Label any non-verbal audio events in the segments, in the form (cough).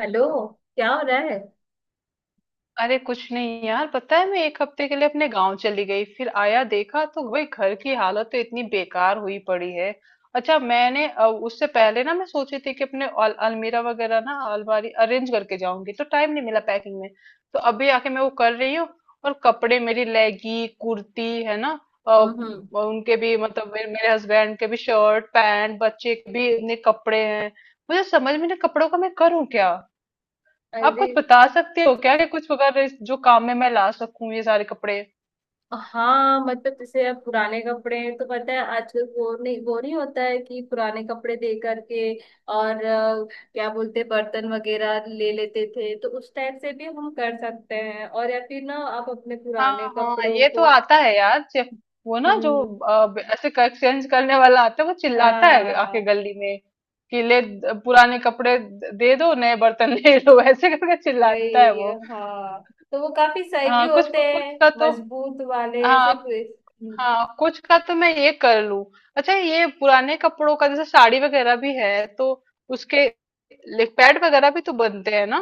Hello. क्या हो रहा है? अरे कुछ नहीं यार, पता है मैं एक हफ्ते के लिए अपने गांव चली गई, फिर आया देखा तो भाई घर की हालत तो इतनी बेकार हुई पड़ी है। अच्छा, मैंने उससे पहले ना मैं सोची थी कि अपने अलमीरा वगैरह ना अलमारी अरेंज करके जाऊंगी, तो टाइम नहीं मिला पैकिंग में। तो अभी आके मैं वो कर रही हूँ। और कपड़े मेरी लेगी कुर्ती है ना। हम्म, और उनके भी मतलब मेरे हस्बैंड के भी शर्ट पैंट बच्चे के भी इतने कपड़े हैं। मुझे समझ में नहीं कपड़ों का मैं करूँ क्या। आप अरे, कुछ बता सकते हो क्या कि कुछ वगैरह जो काम में मैं ला सकूं ये सारे कपड़े। हाँ मतलब जैसे अब पुराने कपड़े हैं, तो पता है आजकल वो नहीं होता है कि पुराने कपड़े दे करके और क्या बोलते हैं, बर्तन वगैरह ले लेते थे, तो उस टाइप से भी हम कर सकते हैं। और या फिर ना आप अपने हाँ पुराने हाँ, कपड़ों ये तो को। आता है यार। वो ना जो हम्म। ऐसे एक्सचेंज करने वाला आता है, वो चिल्लाता है हाँ। आके गली में, कि ले पुराने कपड़े दे दो नए बर्तन (laughs) ले लो, ऐसे करके चिल्लाता है वही। वो। हाँ, तो वो काफी सही भी हाँ कुछ होते कुछ हैं, का तो। मजबूत वाले हाँ। ऐसे कुछ। हाँ कुछ का तो मैं ये कर लूं। अच्छा, ये पुराने कपड़ों का जैसे साड़ी वगैरह भी है तो उसके पैड वगैरह भी तो बनते हैं ना।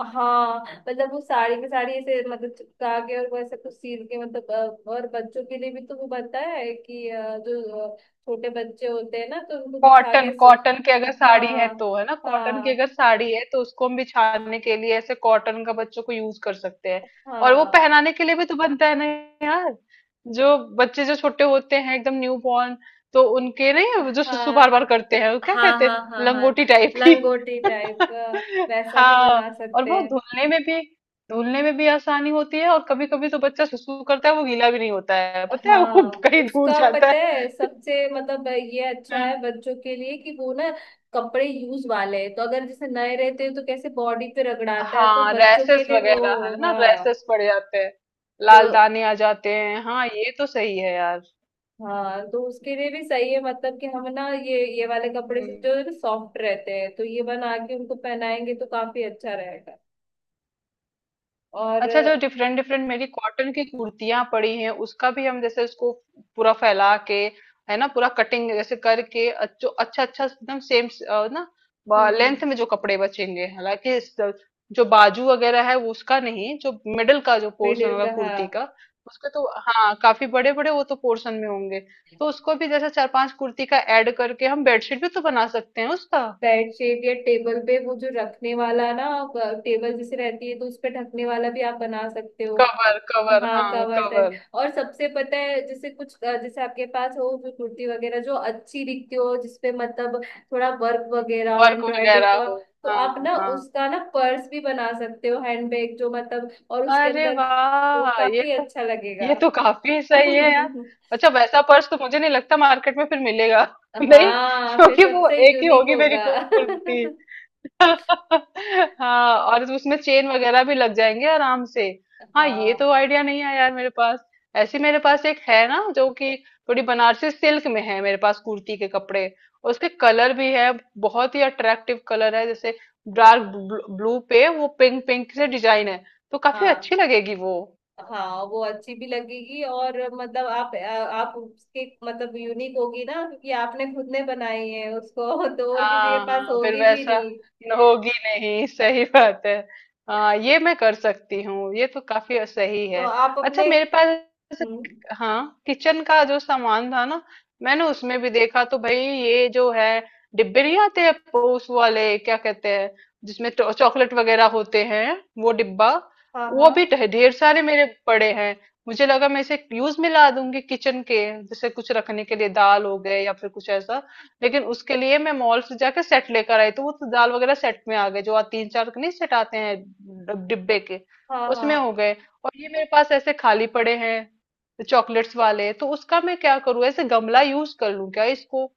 हाँ मतलब वो साड़ी की साड़ी ऐसे मतलब चिपका के और वैसे कुछ सील के मतलब, और बच्चों के लिए भी तो वो बनता है कि जो छोटे बच्चे होते हैं ना, तो उनको बिछा कॉटन, के सु... कॉटन की अगर साड़ी है हाँ, तो, है ना, कॉटन की हाँ, अगर साड़ी है तो उसको हम बिछाने के लिए ऐसे कॉटन का बच्चों को यूज कर सकते हैं। और वो हाँ, पहनाने के लिए भी तो बनता है ना। यार जो बच्चे जो छोटे होते हैं, एकदम न्यू बॉर्न। तो उनके नहीं, जो सुसु बार हाँ। बार करते हैं, वो क्या हाँ, कहते हाँ, हाँ, हैं, हाँ। लंगोटी टाइप की। लंगोटी टाइप। (laughs) वैसा भी हाँ। बना और सकते वो हैं। धुलने में भी, धुलने में भी आसानी होती है, और कभी कभी तो बच्चा सुसु करता है, वो गीला भी नहीं होता है, पता है वो हाँ कहीं दूर उसका जाता पता है है। सबसे मतलब ये अच्छा है (laughs) बच्चों के लिए कि वो ना कपड़े यूज वाले हैं तो अगर जैसे नए रहते हैं तो कैसे बॉडी पे रगड़ाता है, तो हाँ, बच्चों के रैसेस लिए वगैरह वो, है ना, हाँ। रैसेस पड़ जाते हैं, तो लाल दाने आ जाते हैं। हाँ ये तो सही है यार। हाँ तो उसके लिए भी सही है, मतलब कि हम ना ये वाले कपड़े हम्म। से जो सॉफ्ट रहते हैं, तो ये बना के उनको पहनाएंगे तो काफी अच्छा रहेगा। और अच्छा, जो डिफरेंट डिफरेंट मेरी कॉटन की कुर्तियां पड़ी हैं, उसका भी हम जैसे उसको पूरा फैला के, है ना, पूरा कटिंग जैसे करके जो अच्छा अच्छा एकदम सेम ना हम्म। लेंथ में जो कपड़े बचेंगे, हालांकि जो बाजू वगैरह है वो उसका नहीं, जो मिडल का जो पोर्शन मिडिल होगा का, हाँ। कुर्ती का, उसका तो हाँ, काफी बड़े बड़े वो तो पोर्शन में होंगे। तो उसको भी जैसे चार पांच कुर्ती का ऐड करके हम बेडशीट भी तो बना सकते हैं उसका। बेडशीट या टेबल पे वो जो रखने वाला ना, टेबल जैसे रहती है तो उस पे ढकने वाला भी आप बना सकते हो। कवर, कवर, हाँ, हाँ कावाटन। कवर। और सबसे पता है जैसे कुछ, जैसे आपके पास हो जो कुर्ती वगैरह जो अच्छी दिखती हो जिसपे मतलब थोड़ा वर्क वगैरह और वर्क एम्ब्रॉयडरी वगैरह का, हो। तो हाँ आप ना हाँ। उसका ना पर्स भी बना सकते हो, हैंडबैग जो मतलब, और उसके अरे अंदर वो वाह, काफी अच्छा लगेगा। ये तो काफी सही है यार। (laughs) अच्छा, वैसा पर्स तो मुझे नहीं लगता मार्केट में फिर मिलेगा। (laughs) नहीं, हाँ, फिर क्योंकि वो सबसे एक ही यूनिक होगी मेरी होगा। (laughs) कुर्ती। हाँ, और उसमें चेन वगैरह भी लग जाएंगे आराम से। हाँ, ये हाँ, तो आइडिया नहीं आया यार मेरे पास। ऐसे मेरे पास एक है ना, जो कि थोड़ी बनारसी सिल्क में है मेरे पास, कुर्ती के कपड़े। और उसके कलर भी है, बहुत ही अट्रैक्टिव कलर है, जैसे डार्क ब्लू पे वो पिंक पिंक से डिजाइन है। तो काफी हाँ, अच्छी लगेगी वो। हाँ, वो अच्छी भी लगेगी और मतलब आप उसकी मतलब, यूनिक होगी ना क्योंकि आपने खुद ने बनाई है उसको। (laughs) तो और किसी के हाँ पास हाँ, फिर होगी भी वैसा नहीं। होगी नहीं। (laughs) सही बात है। हाँ ये मैं कर सकती हूँ, ये तो काफी सही तो है। आप अच्छा अपने। मेरे पास, हम्म। हाँ, किचन का जो सामान था ना, मैंने उसमें भी देखा तो भाई ये जो है, डिब्बे नहीं आते हैं वो, उस वाले क्या कहते हैं, जिसमें चॉकलेट वगैरह होते हैं, वो डिब्बा। हाँ, वो भी हाँ, ढेर सारे मेरे पड़े हैं। मुझे लगा मैं इसे यूज में ला दूंगी किचन के जैसे कुछ रखने के लिए दाल हो गए, या फिर कुछ ऐसा। लेकिन उसके लिए मैं मॉल से जाके सेट लेकर आई, तो वो तो दाल वगैरह सेट में आ गए, जो आ तीन चार नहीं सेट आते हैं डिब्बे के, हाँ, उसमें हो हाँ, गए। और ये मेरे पास ऐसे खाली पड़े हैं चॉकलेट्स वाले, तो उसका मैं क्या करूँ, ऐसे गमला यूज कर लूँ क्या इसको।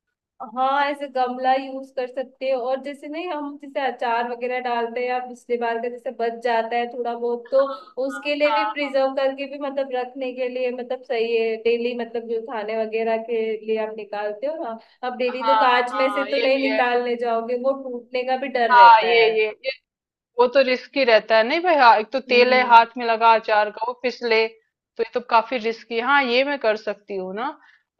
हाँ। ऐसे गमला यूज कर सकते हो। और जैसे नहीं, हम जैसे अचार वगैरह डालते हैं या पिछली बार का जैसे बच जाता है थोड़ा बहुत, तो उसके लिए हाँ भी हाँ प्रिजर्व करके भी मतलब रखने के लिए मतलब सही है। डेली मतलब जो खाने वगैरह के लिए आप निकालते हो ना, आप डेली हाँ तो हाँ कांच में हाँ, से हाँ, तो ये नहीं भी है। निकालने जाओगे, वो टूटने का भी डर हाँ रहता ये है। ये वो तो रिस्की रहता है, नहीं भाई। हाँ, एक तो तेल है हम्म। हाथ में लगा अचार का, वो फिसले, तो ये तो काफी रिस्की। हाँ ये मैं कर सकती हूँ ना।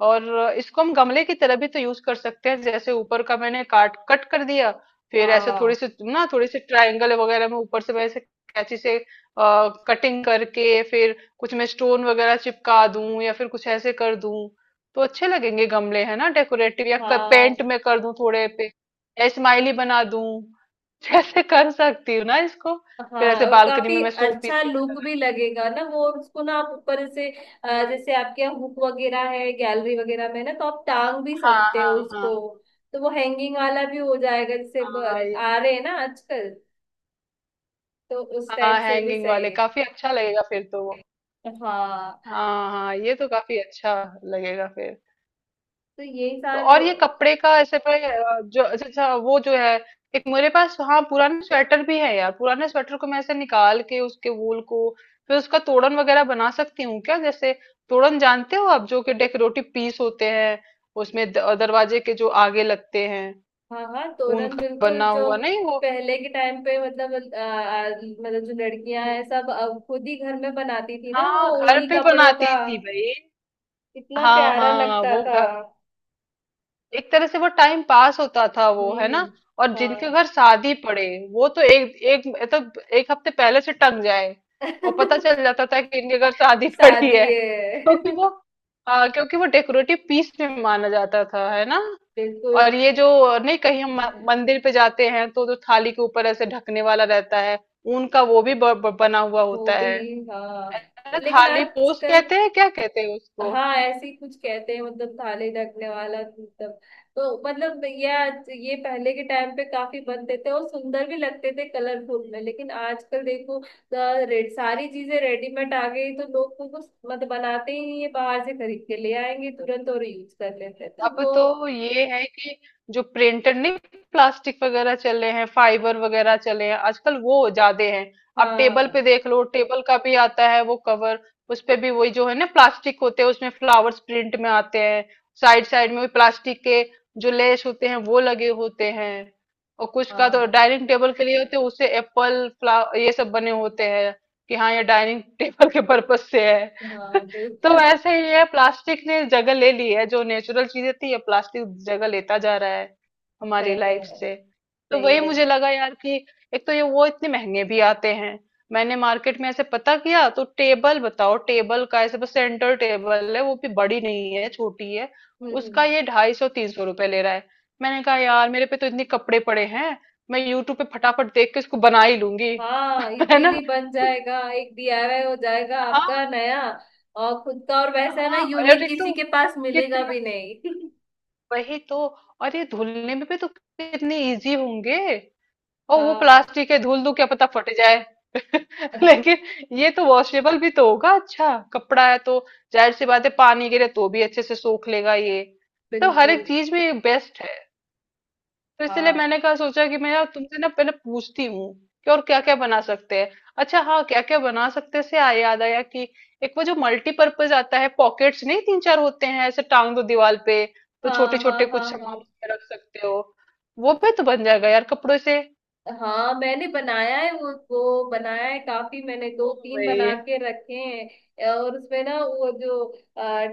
और इसको हम गमले की तरह भी तो यूज कर सकते हैं, जैसे ऊपर का मैंने काट कट कर दिया, फिर ऐसे थोड़ी हाँ, सी ना, थोड़ी सी ट्रायंगल वगैरह में ऊपर से मैं ऐसे कैंची से कटिंग करके, फिर कुछ मैं स्टोन वगैरह चिपका दूं, या फिर कुछ ऐसे कर दूं, तो अच्छे लगेंगे गमले, है ना, डेकोरेटिव, या पेंट हाँ, में कर दूं थोड़े पे, स्माइली बना दूं, जैसे कर सकती हूँ ना इसको। हाँ। फिर ऐसे और बालकनी काफी में मैं शो पीस अच्छा की लुक तरह भी लगेगा ना वो। और उसको ना आप ऊपर से, रखती हूँ। जैसे आपके यहाँ हुक वगैरह है गैलरी वगैरह में ना, तो आप टांग भी हाँ सकते हो हाँ हाँ उसको। तो वो हैंगिंग वाला भी हो जाएगा, जैसे हाँ ये। आ रहे हैं ना आजकल, तो उस हाँ, टाइप से भी हैंगिंग सही वाले है। काफी अच्छा लगेगा फिर तो वो। हाँ। हाँ हाँ, ये तो काफी अच्छा लगेगा फिर। तो यही तो सारे। और ये कपड़े का ऐसे पे जो अच्छा अच्छा वो जो है, एक मेरे पास हाँ, पुराने स्वेटर भी है यार, पुराने स्वेटर को मैं ऐसे निकाल के उसके वूल को, फिर उसका तोड़न वगैरह बना सकती हूँ क्या, जैसे तोड़न जानते हो आप, जो कि डेकोरेटिव पीस होते हैं। उसमें दरवाजे के जो आगे लगते हैं, हाँ, हाँ, ऊन तोरण का बिल्कुल, बना जो हुआ, नहीं वो। पहले के टाइम पे मतलब मतलब जो लड़कियां हम्म, हैं सब खुद ही घर में बनाती थी ना वो हाँ घर उन्हीं पे कपड़ों बनाती का। थी भाई। इतना हाँ प्यारा हाँ लगता वो था। घर, एक तरह से वो टाइम पास होता था वो, है ना। हम्म। और जिनके हाँ। घर शादी पड़े, वो तो एक एक मतलब एक हफ्ते पहले से टंग जाए। और पता चल (laughs) जाता था कि इनके घर शादी (laughs) पड़ी शादी है। है। क्योंकि (laughs) वो, हाँ क्योंकि वो डेकोरेटिव पीस में माना जाता था, है ना। बिल्कुल। और ये जो, नहीं कहीं हम मंदिर पे जाते हैं तो जो थाली के ऊपर ऐसे ढकने वाला रहता है, ऊन का वो भी ब, ब, बना हुआ वो होता भी, है हाँ। है ना, लेकिन थाली पोस आजकल। कहते हैं, क्या कहते हैं उसको। हाँ, ऐसे ही कुछ कहते हैं मतलब थाली ढकने वाला, मतलब। तो मतलब ये ये पहले के टाइम पे काफी बनते थे और सुंदर भी लगते थे कलरफुल में, हम्म। लेकिन आजकल देखो, रेड सारी चीजें रेडीमेड आ गई तो लोग तो कुछ मतलब बनाते ही नहीं है, बाहर से खरीद के ले आएंगे तुरंत और यूज कर लेते हैं, तो अब वो। तो ये है कि, जो प्रिंटेड नहीं, प्लास्टिक वगैरह चले हैं, फाइबर वगैरह चले हैं आजकल, वो ज्यादा हैं। आप टेबल हाँ, पे देख लो, टेबल का भी आता है वो कवर, उस पे भी वही जो है ना, प्लास्टिक होते हैं, उसमें फ्लावर्स प्रिंट में आते हैं। साइड साइड में भी प्लास्टिक के जो लेस होते हैं, वो लगे होते हैं। और कुछ का तो हाँ, डाइनिंग टेबल के लिए होते हैं, उससे एप्पल फ्ला ये सब बने होते हैं, कि हाँ ये डाइनिंग टेबल (laughs) के पर्पज से है। (laughs) हाँ। तो बिल्कुल। वैसे ही है, प्लास्टिक ने जगह ले ली है जो नेचुरल चीजें थी, ये प्लास्टिक जगह लेता जा रहा है हमारी सही लाइफ है। से। तो सही वही है। मुझे लगा यार कि एक तो ये वो इतने महंगे भी आते हैं। मैंने मार्केट में ऐसे पता किया तो, टेबल बताओ, टेबल का ऐसे बस, सेंटर टेबल है वो भी, बड़ी नहीं है, छोटी है। हम्म, हम्म। उसका ये ₹250-300 ले रहा है। मैंने कहा यार, मेरे पे तो इतने कपड़े पड़े हैं, मैं यूट्यूब पे फटाफट देख के इसको बना ही लूंगी। हाँ, (laughs) है इजीली ना। बन जाएगा, एक डीआईवाई हो जाएगा आपका हाँ नया और खुद का। और वैसा है ना, हाँ। और यूनिक, एक किसी तो के पास मिलेगा कितना, भी नहीं। वही तो, और ये धुलने में भी तो कितने इजी होंगे। (laughs) और वो हाँ, प्लास्टिक है, धुल दूं क्या पता फट जाए। (laughs) लेकिन ये तो वॉशेबल भी तो होगा, अच्छा कपड़ा है तो, जाहिर सी बात है, पानी गिरे तो भी अच्छे से सोख लेगा ये। तो हर बिल्कुल। एक चीज में बेस्ट है। तो इसलिए हाँ, मैंने कहा, सोचा कि मैं यार तुमसे ना पहले पूछती हूँ कि और क्या क्या बना सकते हैं। अच्छा हाँ, क्या क्या बना सकते हैं से आ याद आया कि एक वो जो मल्टीपर्पज आता है पॉकेट्स, नहीं तीन चार होते हैं, ऐसे टांग दो दीवार पे, तो हाँ, छोटे हाँ, हाँ, छोटे कुछ हाँ, सामान हाँ। उसमें रख सकते हो। वो भी तो बन जाएगा यार कपड़ों से। हाँ मैंने बनाया है वो बनाया है काफी, मैंने दो ओ तीन भाई। बना के रखे हैं। और उसमें ना वो जो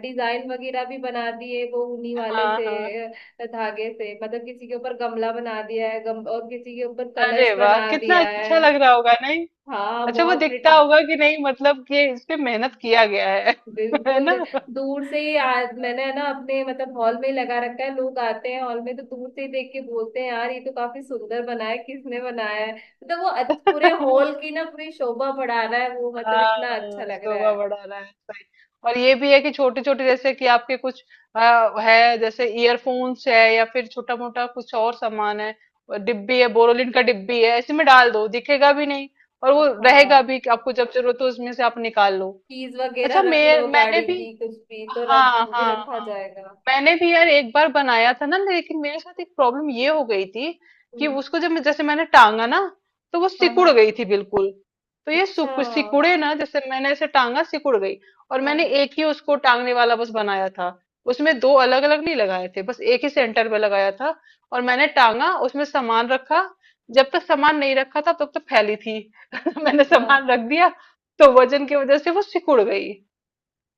डिजाइन वगैरह भी बना दिए वो ऊनी वाले हाँ से, हाँ। धागे से, मतलब किसी के ऊपर गमला बना दिया है, और किसी के ऊपर अरे कलश वाह, बना कितना दिया अच्छा लग है। रहा होगा, नहीं। हाँ, अच्छा वो बहुत प्रिटी। दिखता होगा कि नहीं, मतलब कि इसमें मेहनत किया गया है। (laughs) है बिल्कुल। ना। दूर से ही मैंने है ना अपने मतलब हॉल में ही लगा रखा है, लोग आते हैं हॉल में तो दूर से ही देख के बोलते हैं यार ये तो काफी सुंदर बना है, किसने बनाया है, मतलब वो पूरे हॉल (laughs) की ना पूरी शोभा बढ़ा रहा है वो, मतलब इतना अच्छा हाँ, लग रहा शोभा है। बढ़ा रहा है, सही। और ये भी है कि छोटे छोटे जैसे कि आपके कुछ है जैसे ईयरफोन्स है, या फिर छोटा मोटा कुछ और सामान है, और डिब्बी है, बोरोलिन का डिब्बी है, इसी में डाल दो, दिखेगा भी नहीं, और वो रहेगा हाँ, भी कि आपको जब जरूरत हो उसमें से आप निकाल लो। कीज वगैरह अच्छा रख लो मैंने गाड़ी भी, की, कुछ भी तो हाँ रख, वो भी हाँ रखा हाँ, जाएगा। मैंने भी यार एक बार बनाया था ना, लेकिन मेरे साथ एक प्रॉब्लम ये हो गई थी, कि हम्म, उसको जब जैसे मैंने टांगा ना, तो वो हाँ, सिकुड़ हाँ। गई थी बिल्कुल। तो ये अच्छा, सिकुड़े ना, जैसे मैंने ऐसे टांगा सिकुड़ गई। और हाँ, मैंने एक ही उसको टांगने वाला बस बनाया था, उसमें दो अलग अलग नहीं लगाए थे, बस एक ही सेंटर पे लगाया था। और मैंने टांगा उसमें सामान रखा, जब तक सामान नहीं रखा था तब तक फैली थी। (laughs) मैंने हाँ। सामान रख दिया तो वजन की वजह से वो सिकुड़ गई।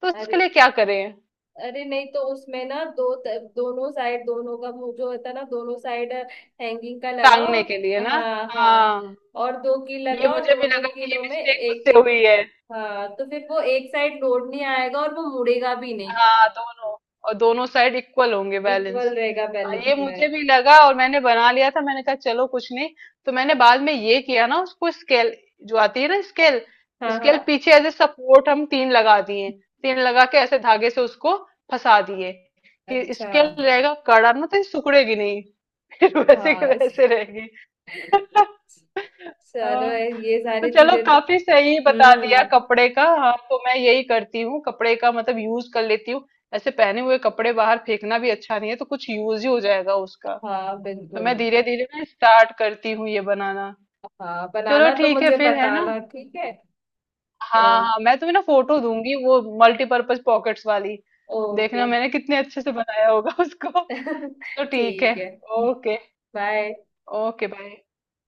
तो उसके अरे, लिए क्या करें, अरे नहीं, तो उसमें ना दो दोनों साइड, दोनों का मुंह जो होता है ना दोनों साइड, हैंगिंग का लगाओ। टांगने के लिए ना। हाँ, हाँ, हाँ, और दो कील ये लगाओ और मुझे भी दोनों लगा कि ये कीलों में मिस्टेक एक मुझसे एक। हुई है। हाँ, तो फिर वो एक साइड लोड नहीं आएगा और वो मुड़ेगा भी नहीं। हाँ दोनों, और दोनों साइड इक्वल होंगे, बैलेंस। इक्वल रहेगा बैलेंस ये में। मुझे भी लगा, और मैंने बना लिया था, मैंने कहा चलो कुछ नहीं। तो मैंने बाद में ये किया ना, उसको स्केल, जो आती है ना स्केल, हाँ, हाँ। स्केल पीछे एज ए सपोर्ट हम तीन लगा दिए। तीन लगा के ऐसे धागे से उसको फंसा दिए, कि अच्छा। स्केल रहेगा कड़ा ना, तो ये सिकुड़ेगी नहीं। (laughs) फिर वैसे के हाँ, वैसे रहेगी। (laughs) चलो। हाँ, ये तो सारी चलो चीजें तो। काफी सही बता दिया हम्म। कपड़े का। हाँ तो मैं यही करती हूँ, कपड़े का मतलब यूज कर लेती हूँ। ऐसे पहने हुए कपड़े बाहर फेंकना भी अच्छा नहीं है, तो कुछ यूज ही हो जाएगा उसका। हाँ, तो मैं बिल्कुल। धीरे धीरे ना स्टार्ट करती हूँ ये बनाना। हाँ, चलो बनाना तो ठीक है मुझे फिर, है ना। बताना, ठीक है? ओ। हाँ हाँ, मैं तुम्हें ना फोटो दूंगी वो मल्टीपर्पज पॉकेट्स वाली, ओके। देखना मैंने कितने अच्छे से बनाया होगा (laughs) उसको। (laughs) तो ठीक है। ठीक है। ओके। बाय। Okay bye.